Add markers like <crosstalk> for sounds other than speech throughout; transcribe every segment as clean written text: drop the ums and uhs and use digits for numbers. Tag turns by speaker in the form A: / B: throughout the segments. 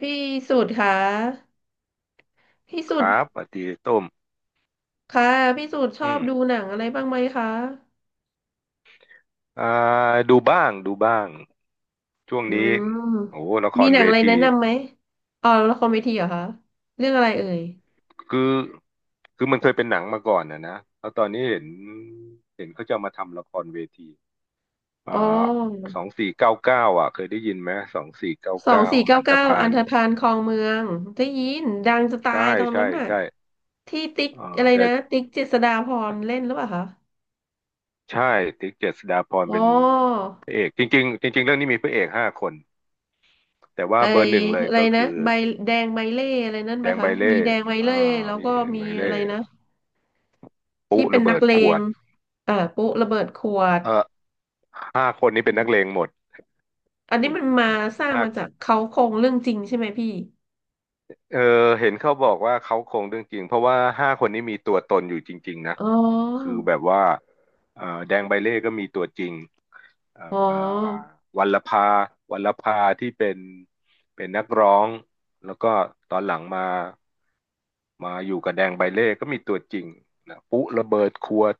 A: พี่สุดคะพี่
B: ค
A: สุด
B: รับสวัสดีต้ม
A: คะพี่สุดชอ
B: อื
A: บ
B: ม
A: ดูหนังอะไรบ้างไหมคะ
B: อ่าดูบ้างดูบ้างช่วง
A: อื
B: นี้
A: ม
B: โอ้โหละค
A: มี
B: ร
A: หนั
B: เว
A: งอะไรแนะ
B: ที
A: นำไหมอ๋อละครเวทีเหรอคะเรื่องอะไรเอ่ย
B: คือคือมันเคยเป็นหนังมาก่อนนะแล้วตอนนี้เห็นเขาจะเอามาทำละครเวที
A: อ๋
B: อ่
A: อ
B: าสองสี่เก้าเก้าอ่ะเคยได้ยินไหมสองสี่เก้า
A: สอง
B: เก้า
A: สี่เก้า
B: อันต
A: เก้า
B: พา
A: อัน
B: ล
A: ธพาลคลองเมืองได้ยินดังจะตา
B: ใช่
A: ยตอน
B: ใช่
A: นั้นน่ะ
B: ใช่
A: ที่ติ๊ก
B: เออ
A: อะไร
B: แต่
A: นะติ๊กเจษฎาพรเล่นหรือเปล่าคะ
B: ใช่ติ๊กเจษฎาพร
A: อ๋อ
B: เป็นพระเอกจริงๆจริงๆเรื่องนี้มีพระเอกห้าคนแต่
A: ไอ
B: ว่าเบอร์หนึ่งเลย
A: อะไร
B: ก็
A: นะ
B: คือ
A: ใบแดงใบเล่อะไรนั่นไห
B: แด
A: ม
B: งใบ
A: คะ
B: เล่
A: มีแดงใบ
B: อ่า
A: เล่แล้ว
B: มี
A: ก็มี
B: ใบเล่
A: อะไรนะ
B: ปุ๊
A: ที่เป็น
B: ระ
A: นั
B: เบิ
A: ก
B: ด
A: เล
B: ขว
A: ง
B: ด
A: ปุ๊ระเบิดขวด
B: เออห้าคนนี้เป็นนักเลงหมด
A: อันนี้มันมาสร้าง
B: หา
A: มาจา
B: ก
A: กเขาโครงเรื่องจริงใช่ไหมพี่
B: เออเห็นเขาบอกว่าเขาคงเรื่องจริงเพราะว่าห้าคนนี้มีตัวตนอยู่จริงๆ นะ
A: อ๋อ
B: คือแบบว่าแดงใบเล่ก็มีตัวจริง เอ่อ
A: อ๋อ
B: วัลลภาวัลลภาที่เป็นนักร้องแล้วก็ตอนหลังมาอยู่กับแดงใบเล่ก็มีตัวจริงนะปุ๊ระเบิดขวด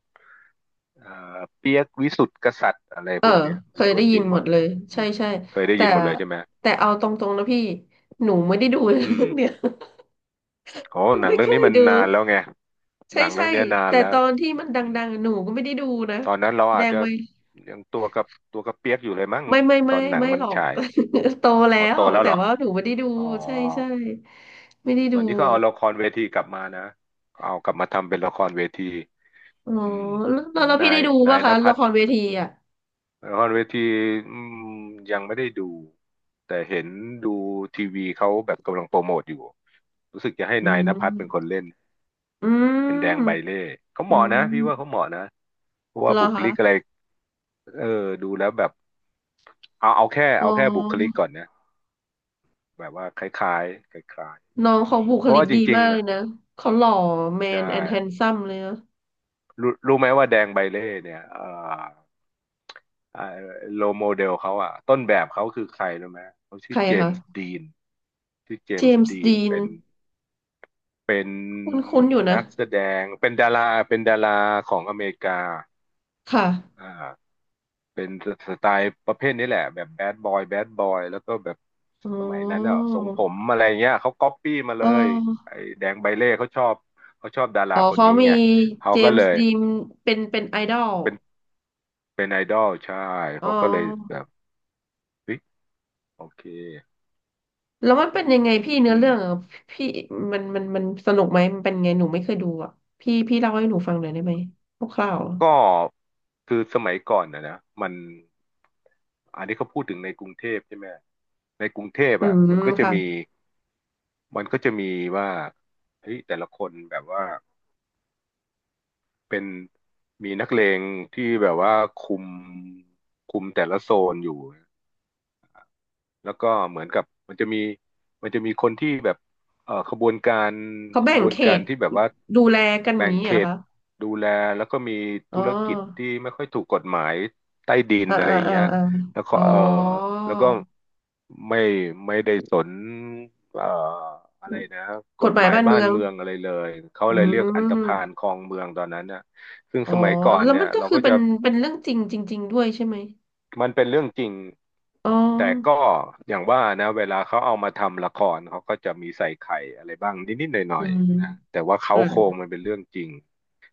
B: เอ่เปียกวิสุทธิ์กษัตริย์อะไร
A: เอ
B: พ
A: อ
B: วกเนี้ย
A: เค
B: มี
A: ย
B: ตัว
A: ได้
B: จ
A: ยิ
B: ริ
A: น
B: งห
A: ห
B: ม
A: มด
B: ดเล
A: เล
B: ย
A: ย
B: อื
A: ใช่
B: ม
A: ใช่
B: เคยได้
A: แต่
B: ยินหมดเลยใช่ไหม
A: แต่เอาตรงๆนะพี่หนูไม่ได้ดูเรื่
B: อืม
A: องเนี่ย
B: โอ้
A: <laughs> หนู
B: หนัง
A: ไม่
B: เรื่อ
A: เค
B: งนี้
A: ย
B: มัน
A: ดู
B: นานแล้วไงห
A: ใช่
B: นังเรื่
A: ใช่
B: องเนี้ยนาน
A: แต่
B: แล้ว
A: ตอนที่มันด
B: อืม
A: ังๆหนูก็ไม่ได้ดูนะ
B: ตอนนั้นเรา
A: แด
B: อาจ
A: ง
B: จะ
A: ไหม
B: ยังตัวกับเปียกอยู่เลยมั้ง
A: ไม่ไม่
B: ต
A: ไม่
B: อนหนัง
A: ไม่
B: มัน
A: หรอก
B: ฉาย
A: <laughs> โตแล้
B: อ๋อโต
A: ว
B: แล้ว
A: แต่
B: เหรอ
A: ว่าหนูไม่ได้ดู
B: อ๋อ
A: ใช่ใช่ไม่ได้
B: ต
A: ดู
B: อนนี้ก็เอาละครเวทีกลับมานะเอากลับมาทำเป็นละครเวที
A: อ๋อ
B: อืม
A: แล้ว
B: เห
A: แล้
B: มื
A: ว
B: อน
A: แล้ว
B: นา
A: พี่ได้
B: ย
A: ดู
B: นา
A: ป่ะ
B: ยณ
A: คะ
B: ภั
A: ละ
B: ทร
A: ครเวทีอ่ะ
B: ละครเวทีอืมยังไม่ได้ดูแต่เห็นดูทีวีเขาแบบกำลังโปรโมทอยู่รู้สึกจะให้
A: อื
B: นายณภัทรเป็นคน
A: ม
B: เล่น
A: อื
B: เป็นแดง
A: ม
B: ใบเล่เขา
A: อื
B: เหมาะ
A: ม
B: นะพี่ว่าเขาเหมาะนะเพราะว่า
A: เหรอ
B: บุค
A: คะ
B: ลิกอะไรเออดูแล้วแบบเอาเอาแค่
A: อ๋อ
B: เอาแค่บุคลิกก่อนนะแบบว่าคล้ายๆคล้าย
A: น้องเขาบุ
B: ๆ
A: ค
B: เพราะ
A: ลิก
B: ว่าจ
A: ดี
B: ริง
A: มาก
B: ๆ
A: เลย
B: อ่ะ
A: นะ เขาหล่อแม
B: ใช่
A: นแอนด์แฮนซัมเลยนะ
B: รู้ไหมว่าแดงใบเล่เนี่ยอ อ่าโลโมเดลเขาอ่ะต้นแบบเขาคือใครรู้ไหมเขา
A: ใค
B: ชื่อ
A: ร
B: เจม
A: คะ
B: ส์ดีนชื่อเจ
A: เจ
B: ม
A: ม
B: ส์ดี
A: ส์
B: น
A: ดีน
B: เป็น
A: คุ้นๆอยู่นะ
B: นักแสดงเป็นดาราของอเมริกา
A: ค่ะ
B: อ่าเป็นสไตล์ประเภทนี้แหละแบบแบดบอยแบดบอยแล้วก็แบบ
A: อ๋
B: สมัยนั้น
A: อ
B: อ่ะทรงผมอะไรเงี้ยเขาก๊อปปี้มา
A: เอ
B: เลย
A: อ
B: ไอ้แดงใบเล่เขาชอบดารา
A: อ๋อ
B: คน
A: เขา
B: นี้
A: มี
B: ไงเขา
A: เจ
B: ก็
A: ม
B: เล
A: ส์
B: ย
A: ดีนเป็นเป็นไอดอล
B: เป็นเป็นไอดอลใช่
A: อ๋อ
B: เขาก็เลยแบบเฮ้ยโอเค
A: แล้วมันเป็นยังไงพี่เนื้
B: อื
A: อ
B: ม
A: เรื่องอ่ะพี่มันมันมันสนุกไหมมันเป็นไงหนูไม่เคยดูอ่ะพี่พี่เล่าให้หนูฟังหน่อยได้ไหมคร่าวๆอะ
B: ก็คือสมัยก่อนนะมันอันนี้เขาพูดถึงในกรุงเทพใช่ไหมในกรุงเทพ
A: อื
B: อ่ะ
A: มค่ะ
B: มันก็จะมีว่าเฮ้ยแต่ละคนแบบว่าเป็นมีนักเลงที่แบบว่าคุมคุมแต่ละโซนอยู่ แล้วก็เหมือนกับมันจะมีมันจะมีคนที่แบบเอ่อขบวนการ
A: เขา
B: ข
A: แบ่ง
B: บว
A: เข
B: นการ
A: ต
B: ที่แบบว่า
A: ดูแลกันอย่า
B: แบ่
A: ง
B: ง
A: นี้
B: เข
A: เหรอ
B: ต
A: คะ
B: ดูแลแล้วก็มี
A: อ๋อ
B: ธุรกิจที่ไม่ค่อยถูกกฎหมายใต้ดิน
A: อ่า
B: อะไร
A: อ่า
B: อย่าง
A: อ่า
B: เงี้ย
A: อา
B: แล้วก็
A: อ๋อ
B: แล้วก็ไม่ไม่ได้สนเอ่ออะไรนะก
A: กฎ
B: ฎ
A: หมา
B: ห
A: ย
B: มาย
A: บ้าน
B: บ้า
A: เมื
B: น
A: อง
B: เมืองอะไรเลยเขา
A: อื
B: เลยเรียกอันธ
A: ม
B: พาลครองเมืองตอนนั้นน่ะซึ่ง
A: อ๋อ
B: สมัยก่อน
A: แล้ว
B: เนี่
A: มั
B: ย
A: นก็
B: เรา
A: คือ
B: ก็
A: เป็
B: จะ
A: นเป็นเรื่องจริงจริงๆด้วยใช่ไหม
B: มันเป็นเรื่องจริง
A: อ๋อ
B: แต่ก็อย่างว่านะเวลาเขาเอามาทำละครเขาก็จะมีใส่ไข่อะไรบ้างนิดๆหน่
A: อื
B: อย
A: ม
B: ๆนะแต่ว่าเขา
A: อื
B: โครง
A: ม
B: มันเป็นเรื่องจริง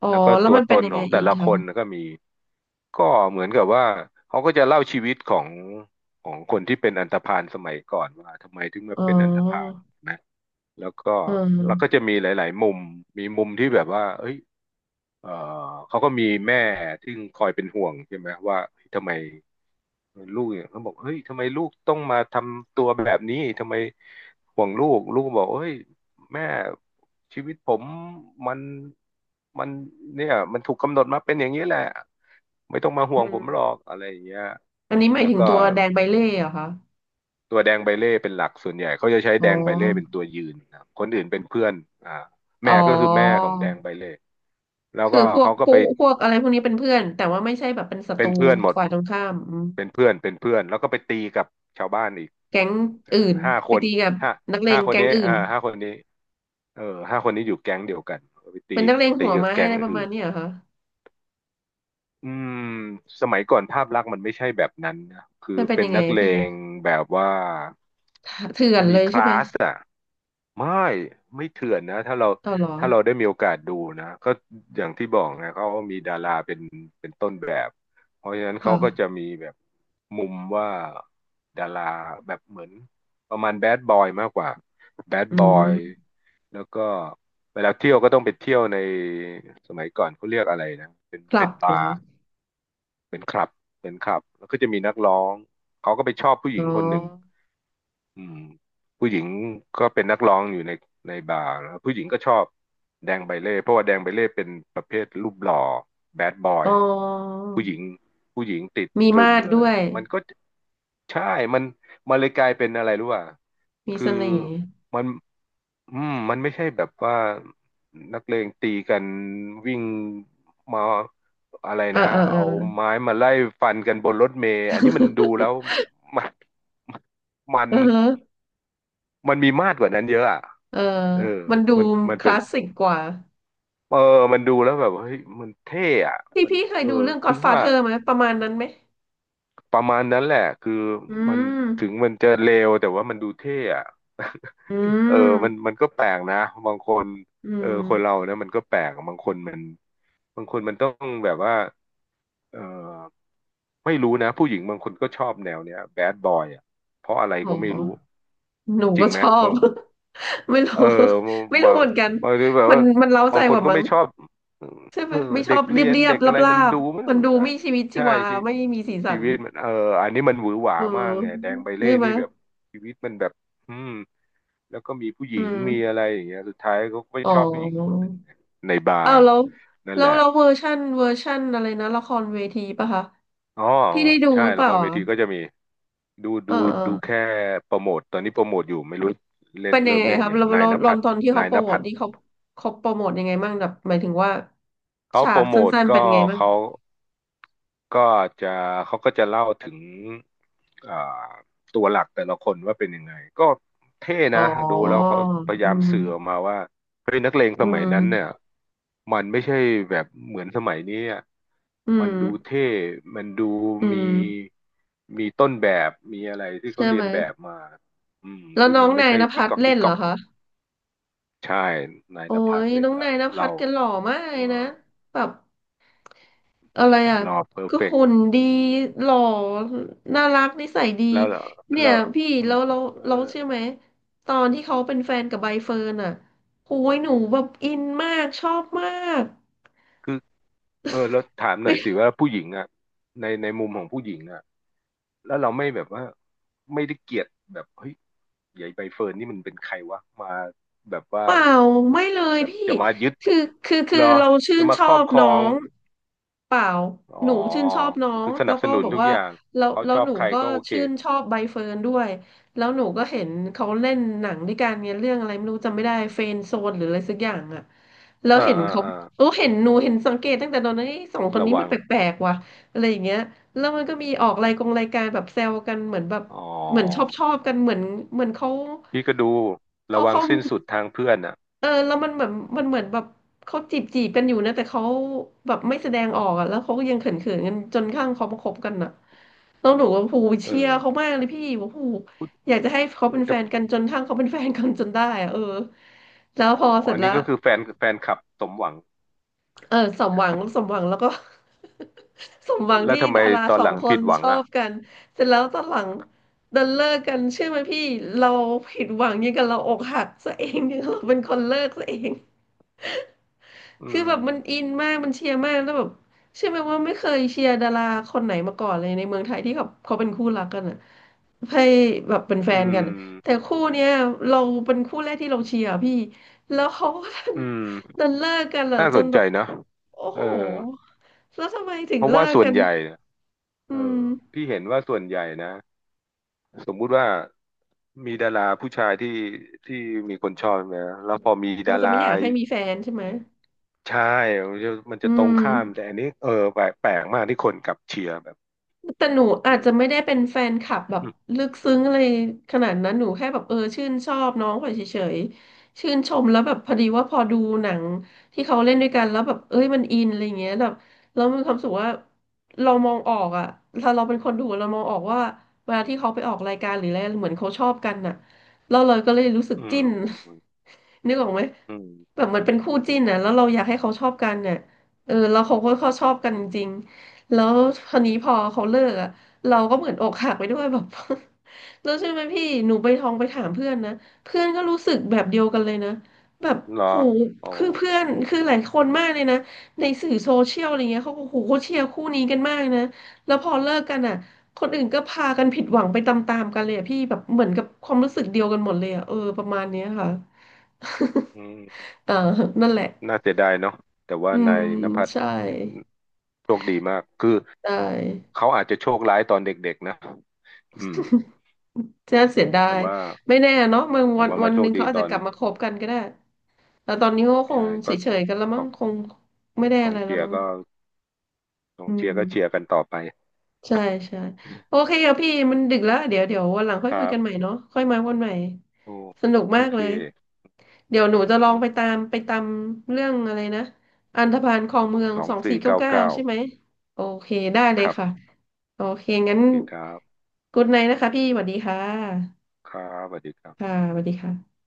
A: อ๋อ
B: แล้วก็
A: แล้ว
B: ตัว
A: มัน
B: ต
A: เป็น
B: น
A: ยัง
B: ข
A: ไง
B: องแต่
A: อีก
B: ละคน
A: คะ
B: ก็มีก็เหมือนกับว่าเขาก็จะเล่าชีวิตของคนที่เป็นอันธพาลสมัยก่อนว่าทำไมถึงมา
A: อ๋
B: เป็นอันธพาล
A: อ
B: นะแล้วก็
A: อืม
B: จะมีหลายๆมุมมีมุมที่แบบว่าเอ้ย เอ่อเขาก็มีแม่ที่คอยเป็นห่วงใช่ไหมว่าเฮ้ยทำไมลูกเนี่ยเขาบอกเฮ้ยทำไมลูกต้องมาทำตัวแบบนี้ทำไมห่วงลูกลูกก็บอกเฮ้ยแม่ชีวิตผมมันมันเนี่ยมันถูกกำหนดมาเป็นอย่างนี้แหละไม่ต้องมาห่
A: อื
B: วงผมหรอก
A: ม
B: อะไรอย่างเงี้ย
A: อันนี้หมาย
B: แล้ว
A: ถึง
B: ก็
A: ตัวแดงใบเล่เหรอคะ
B: ตัวแดงใบเล่เป็นหลักส่วนใหญ่เขาจะใช้
A: อ๋อ
B: แดงใบเล่เป็นตัวยืนนะคนอื่นเป็นเพื่อนอ่า
A: อ๋อ
B: แม่ก็คือแม่ของแดงใบเล่แล้วก็
A: พวก
B: เขาก็
A: ปุ๊
B: ไป
A: พวกอะไรพวกนี้เป็นเพื่อนแต่ว่าไม่ใช่แบบเป็นศัต
B: เป็
A: รู
B: นเพื่อนหมด
A: ฝ่ายตรงข้ามอืม
B: เป็นเพื่อน เป็นเพื่อน แล้วก็ไปตีกับชาวบ้านอีก
A: แก๊ง
B: อ่า
A: อื่น
B: ห้าค
A: ไป
B: น
A: ตีกับ
B: ห้า
A: นักเล
B: ห้า
A: ง
B: คน
A: แก๊ง
B: นี้
A: อื่น
B: ห้าคนนี้เออห้าคนนี้อยู่แก๊งเดียวกันไปตี
A: เป็นนักเลง
B: ตี
A: หัว
B: กับ
A: ไม้
B: แก๊
A: อะ
B: ง
A: ไรประ
B: อื่
A: มาณ
B: น
A: เนี้ยเหรอคะ
B: อืมสมัยก่อนภาพลักษณ์มันไม่ใช่แบบนั้นนะคือ
A: มันเป็น
B: เป็น
A: ยังไง
B: นักเล
A: พี่
B: งแบบว่า
A: เถื่อน
B: มี
A: เลย
B: ค
A: ใช่
B: ลา
A: ไหม
B: สอะไม่ไม่เถื่อนนะ
A: ต่ออเหรอ
B: ถ้าเราได้มีโอกาสดูนะก็อย่างที่บอกนะเขามีดาราเป็นต้นแบบเพราะฉะนั้นเขาก็
A: ค่ะ
B: จะมีแบบมุมว่าดาราแบบเหมือนประมาณแบดบอยมากกว่าแบด
A: อื
B: บอย
A: ม
B: แล้วก็เวลาเที่ยวก็ต้องไปเที่ยวในสมัยก่อนเขาเรียกอะไรนะเป็น
A: กลั
B: เป็
A: บ
B: นบา
A: เหรอ
B: ร์ เป็นคลับ เป็นคลับ แล้วก็จะมีนักร้อง เขาก็ไปชอบผู้ห
A: อ๋
B: ญิง
A: อ
B: คนหนึ่งอืมผู้หญิงก็เป็นนักร้องอยู่ในบาร์แล้วผู้หญิงก็ชอบแดงใบเล่ เพราะว่าแดงใบเล่เป็นประเภทรูปหล่อแบดบอ
A: อ๋
B: ย
A: อ
B: ผู้หญิงติด
A: มี
B: ตรึม
A: มาด
B: เลย
A: ด้
B: อ
A: ว
B: ย่าง
A: ย
B: เงี้ยมันก็ ใช่ มันมันเลยกลายเป็นอะไรรู้ป่ะ
A: มี
B: คื
A: เส
B: อ
A: น่ห์
B: มันมันไม่ใช่แบบว่านักเลงตีกันวิ่งมาอะไร
A: เออ
B: นะ
A: เออเออ
B: เอาไม้มาไล่ฟันกันบนรถเมล์อันนี้มันดูแล้วมันมั
A: <laughs>
B: น
A: อือฮะ
B: มันมีมาดกว่านั้นเยอะอ่ะ
A: เออ
B: เออ
A: มันดู
B: มัน
A: ค
B: เป็น
A: ลาสสิกกว่า
B: เออมันดูแล้วแบบเฮ้ยมันเท่อะ
A: พี่
B: มัน
A: พี่เคยดูเรื่อง
B: ถึงว่า
A: Godfather ไหมประมาณนั้นไหม
B: ประมาณนั้นแหละคือ
A: อื
B: มัน
A: ม
B: ถึงมันจะเลวแต่ว่ามันดูเท่อะ
A: อื
B: เออมัน
A: ม
B: มันก็แปลกนะ บางคน
A: อื
B: เออ
A: ม
B: คนเราเนี่ยมันก็แปลกบางคนมันบางคนมันต้องแบบว่าเออไม่รู้นะ ผู้หญิงบางคนก็ชอบแนวเนี้ยแบดบอยอ่ะเพราะอะไรก็ไม่
A: โห
B: รู้
A: หนู
B: จริ
A: ก็
B: งไห
A: ช
B: ม
A: อ
B: บา
A: บ
B: ง
A: <laughs> ไม่รู้
B: เออมาง
A: ไม่รู้
B: บาง
A: เหมือนกัน
B: ทีแบบ
A: มัน
B: ว่า
A: มันเร้าใจ
B: บางค
A: ก
B: น
A: ว่า
B: ก็
A: มั้ง
B: ไม่ชอบ
A: ใช่ไห
B: เอ
A: ม
B: อ
A: ไม่ช
B: เด็
A: อ
B: ก
A: บเรี
B: เรี
A: ยบ
B: ยน
A: เรีย
B: เด็
A: บ
B: ก
A: รา
B: อะ
A: บ
B: ไร
A: รา
B: มัน
A: บ
B: ดูมั
A: ๆ
B: น
A: มันดูไม่ชีวิตชี
B: ใช่
A: วา
B: ชี
A: ไม่มีสีสั
B: ชี
A: น
B: วิตมันอันนี้มันหวือหวา
A: เออ
B: มากไงแดงใบเล่
A: ใช่ไหม
B: นี่แบบชีวิตมันแบบอืม แล้วก็มีผู้หญิ
A: อื
B: ง
A: ม
B: มีอะไรอย่างเงี้ยสุดท้ายเขาก็ไป
A: อ๋อ
B: ชอบผู้หญิงคนหนึ่งเนี่ยในบา
A: อ้า
B: ร์
A: วแล้ว
B: นั่น
A: แล้
B: แห
A: ว
B: ละ
A: แล้วเวอร์ชันเวอร์ชันอะไรนะละครเวทีป่ะคะ
B: อ๋อ
A: พี่ได้ดู
B: ใช่
A: หรือเป
B: ละค
A: ล่า
B: รเว
A: อ่ะ
B: ทีก็จะมีดู
A: เอ
B: ดูดูแค่
A: อ
B: โปรโมทตอนนี้โปรโมทอยู่ไม่รู้เล่น
A: เป็นยั
B: เริ่
A: ง
B: ม
A: ไง
B: เล่น
A: ครั
B: อ
A: บ
B: ย่าง
A: เรา
B: นาย
A: เรา
B: ณ
A: เรา
B: ภัทร
A: ตอนที่
B: นา
A: เขา
B: ย
A: โป
B: ณ
A: รโม
B: ภั
A: ท
B: ทร
A: นี่เขาเขาโปรโมทยังไงบ้างแบบหมายถึงว่า
B: เขา
A: ฉา
B: โปร
A: ก
B: โมท
A: สั้นๆเป็น
B: ก็
A: ยังไงบ้าง
B: เขา ก็จะเขาก็จะเล่าถึงอ่าตัวหลักแต่ละคนว่าเป็นยังไงก็เท่
A: อ๋อ
B: นะดูแล้วเขาพยา
A: อื
B: ยาม
A: ม
B: สื่อออกมาว่าเฮ้ยนักเลงส
A: อื
B: มัยนั้นเนี่ย
A: ม
B: มันไม่ใช่แบบเหมือนสมัยนี้อะ
A: อื
B: มันดู
A: ม
B: เท่มันดู
A: อื
B: มี
A: ม
B: ต้นแบบมีอะไรที่
A: ใช่
B: เขาเรี
A: ไห
B: ย
A: ม
B: นแบบมาอืม
A: แล้ว
B: ซึ่ง
A: น้อ
B: มั
A: ง
B: นไม่
A: นาย
B: ใช่
A: ณภัทรเล่
B: กิ๊
A: น
B: ก
A: เห
B: ก๊
A: ร
B: อ
A: อ
B: ก
A: คะ
B: ใช่นาย
A: โอ้
B: ณภัทร
A: ย
B: เล่
A: น้
B: น
A: อง
B: แล้
A: นา
B: ว
A: ยณภั
B: เรา
A: ทรแกหล่อมากเล
B: เอ
A: ยนะ
B: อ
A: แบบ อะไรอ่ะ
B: รอเพอร์
A: ก็
B: เฟก
A: หุ่
B: ต์
A: นดีหล่อน่ารักนิสัยดี
B: แล้วแ
A: เนี่
B: ล้
A: ย
B: ว
A: พี่
B: อื
A: แล้
B: ม
A: วเรา
B: เออ
A: เราเชื่อไหมตอนที่เขาเป็นแฟนกับใบเฟิร์นอ่ะโอ้ยหนูแบบอินมากชอบมาก
B: คือ เออแล้วถามหน่อยสิว่าผู้หญิงอ่ะในมุมของผู้หญิงอ่ะแล้วเราไม่แบบว่าไม่ได้เกลียดแบบเฮ้ยใหญ่ใบเฟิร์นนี่มันเป็นใครวะมาแบบว่า
A: เปล่าไม่เลย
B: แบบ
A: พี่
B: จะมายึด
A: คือคื
B: เหร
A: อ
B: อ
A: เราชื่
B: จะ
A: น
B: มา
A: ช
B: ค
A: อ
B: รอบ
A: บ
B: คร
A: น้
B: อ
A: อ
B: ง
A: งเปล่า
B: อ๋อ
A: หนูชื่นชอบน้อง
B: คือส
A: แล้
B: นั
A: ว
B: บส
A: ก็
B: นุน
A: บอก
B: ทุก
A: ว่า
B: อย่าง
A: แล้ว
B: เขา
A: แล้
B: ช
A: ว
B: อ
A: ห
B: บ
A: นู
B: ใคร
A: ก็
B: ก็โอเค
A: ชื่นชอบใบเฟิร์นด้วยแล้วหนูก็เห็นเขาเล่นหนังด้วยกันเนี่ยเรื่องอะไรไม่รู้จำไม่ได้เฟรนด์โซนหรืออะไรสักอย่างอะแล้ว
B: อ่า
A: เห็น
B: อ่า
A: เขา
B: อ่า
A: โอ้เห็นหนูเห็นสังเกตตั้งแต่ตอนนั้นเอ้ยสองคน
B: ระ
A: นี้มั
B: วั
A: น
B: ง
A: แปลกๆว่ะอะไรอย่างเงี้ยแล้วมันก็มีออกรายกงรายการแบบแซวกันเหมือนแบบ
B: อ๋อ
A: เหมือนชอบชอบกันเหมือนเหมือนเขา
B: พี่ก็ดู
A: เขา
B: ระวัง
A: เขา
B: สิ้นสุดทางเพื่อนอ่ะ
A: เออแล้วมันเหมือนมันเหมือนแบบเขาจีบจีบกันอยู่นะแต่เขาแบบไม่แสดงออกอะแล้วเขาก็ยังเขินเขินกันจนข้างเขามาคบกันอะแล้วหนูว่าผู
B: เออ
A: เชียร์เขามากเลยพี่ว่าผูอยากจะให้เขาเป็น
B: แต่
A: แฟนกันจนทั้งเขาเป็นแฟนกันจนได้อะเออแล้ว
B: อ๋อ
A: พอเสร็
B: อั
A: จ
B: น
A: แล้
B: นี้
A: ว
B: ก็คือแฟนคลับสมหวัง
A: เออสมหวังสมหวังแล้วก็ <laughs> สมหวัง
B: แล้ว
A: ที่
B: ทำไม
A: ดารา
B: ตอ
A: ส
B: น
A: อ
B: ห
A: ง
B: ลัง
A: ค
B: ผิ
A: น
B: ดหวั
A: ช
B: ง
A: อ
B: อ่ะ
A: บกันเสร็จแล้วตอนหลังดันเลิกกันเชื่อไหมพี่เราผิดหวังยิ่งกันเราอกหักซะเองเนี่ยเราเป็นคนเลิกซะเอง
B: อื
A: <laughs> คือแบบมัน
B: ม
A: อินมากมันเชียร์มากแล้วแบบเชื่อไหมว่าไม่เคยเชียร์ดาราคนไหนมาก่อนเลยในเมืองไทยที่เขาเป็นคู่รักกันอ่ะให้แบบเป็นแฟ
B: อื
A: นกัน
B: ม
A: แต่คู่เนี้ยเราเป็นคู่แรกที่เราเชียร์พี่แล้วเขาก็
B: อืม
A: ดันเลิกกันเหรอ
B: น่า
A: จ
B: ส
A: น
B: น
A: แบ
B: ใจ
A: บ
B: นะ
A: โอ้
B: เออ
A: โหแล้วทำไมถึ
B: เพ
A: ง
B: ราะ
A: เลิ
B: ว่า
A: ก
B: ส่ว
A: กั
B: น
A: น
B: ใหญ่
A: อื
B: ออ
A: ม
B: พี่เห็นว่าส่วนใหญ่นะ สมมุติว่ามีดาราผู้ชายที่ที่มีคนชอบนะแล้วพอมี
A: เขา
B: ดา
A: จะไม่
B: รา
A: อยากให้มีแฟนใช่ไหม
B: ชายมันจะมัน
A: อื
B: จะตรงข้าม
A: ม
B: แต่อันนี้เออแปลกมากที่คนกลับเชียร์แบบ
A: แต่หนูอา
B: อื
A: จ
B: ม
A: จะไม่ได้เป็นแฟนคลับแบบ
B: อืม
A: ลึกซึ้งอะไรขนาดนั้นหนูแค่แบบชื่นชอบน้องเขาเฉยๆชื่นชมแล้วแบบพอดีว่าพอดูหนังที่เขาเล่นด้วยกันแล้วแบบเอ้ยมันอินอะไรเงี้ยแบบแล้วมีความรู้สุขว่าเรามองออกอะถ้าเราเป็นคนดูเรามองออกว่าเวลาที่เขาไปออกรายการหรืออะไรเหมือนเขาชอบกันน่ะแล้วเราเลยก็เลยรู้สึก
B: อืม
A: จิ้น
B: อืม
A: <laughs> นึกออกไหม
B: อื
A: แบ
B: ม
A: บมันเป็นคู่จิ้นน่ะแล้วเราอยากให้เขาชอบกันเนี่ยเออแล้วเขาชอบกันจริง แล้วคราวนี้พอเขาเลิกอ่ะเราก็เหมือนอกหักไปด้วยแบบ <laughs> แล้วใช่ไหมพี่หนูไปทองไปถามเพื่อนนะเพื่อนก็รู้สึกแบบเดียวกันเลยนะแบบ
B: เหรอ
A: โห
B: อ๋อ
A: คือเพื่อนคือหลายคนมากเลยนะในสื่อโซเชียลอะไรเงี้ยเขาก็โหเขาเชียร์คู่นี้กันมากนะแล้วพอเลิกกันอ่ะคนอื่นก็พากันผิดหวังไปตามๆกันเลยอะพี่แบบเหมือนกับความรู้สึกเดียวกันหมดเลยอ่ะเออประมาณเนี้ยค่ะ
B: อืม
A: <laughs> เออนั่นแหละ
B: น่าเสียดายเนาะแต่ว่า
A: อื
B: นา
A: ม
B: ยณภัทร
A: ใช่
B: โชคดีมากคือ
A: ใช่
B: เขาอาจจะโชคร้ายตอนเด็กๆนะอืม
A: น่าเสียดา
B: แต่
A: ย
B: ว่า
A: ไม่แน่เนาะมัน
B: แต่
A: วัน
B: ว่า
A: วั
B: มา
A: น
B: โช
A: ห
B: ค
A: นึ่งเขา
B: ดี
A: อาจ
B: ตอ
A: จะ
B: น
A: กลับมาคบกันก็ได้แต่ตอนนี้เขาก็ค
B: ใช่
A: งเฉ
B: ก็
A: ยๆกันแล้ว
B: ก
A: มั้ง
B: อง
A: คงไม่ได้
B: ก
A: อะ
B: อง
A: ไรแล้
B: เชี
A: ว
B: ยร์
A: มั้ง
B: ก็กอ
A: อื
B: งเชียร์ก็เชียร์
A: ม
B: กันต่อไป
A: ใช่ใช่โอเคครับพี่มันดึกแล้วเดี๋ยววันหลัง
B: ค
A: ค่อย
B: รั
A: คุยกันใหม่
B: บ
A: เนาะค่อยมาวันใหม่
B: โอ
A: สนุก
B: โอ
A: มาก
B: เค
A: เลยเดี๋ยวหนู
B: อื
A: จะ
B: อ
A: ลอง
B: ฮึ
A: ไปตามเรื่องอะไรนะอันธพาลคลองเมือง
B: สอง
A: สอง
B: สี่
A: สี่เก้า
B: เก้า
A: เก้า
B: เก้า
A: ใช่ไหมโอเคได้เล
B: ค
A: ย
B: รั
A: ค่ะ
B: บ
A: โอเคงั้น
B: โอเคครับ
A: g ุ d ไน h t นะคะพี่สวัสดีค่ะ
B: ครับสวัสดีครับ
A: ค่ะสวัสดีค่ะ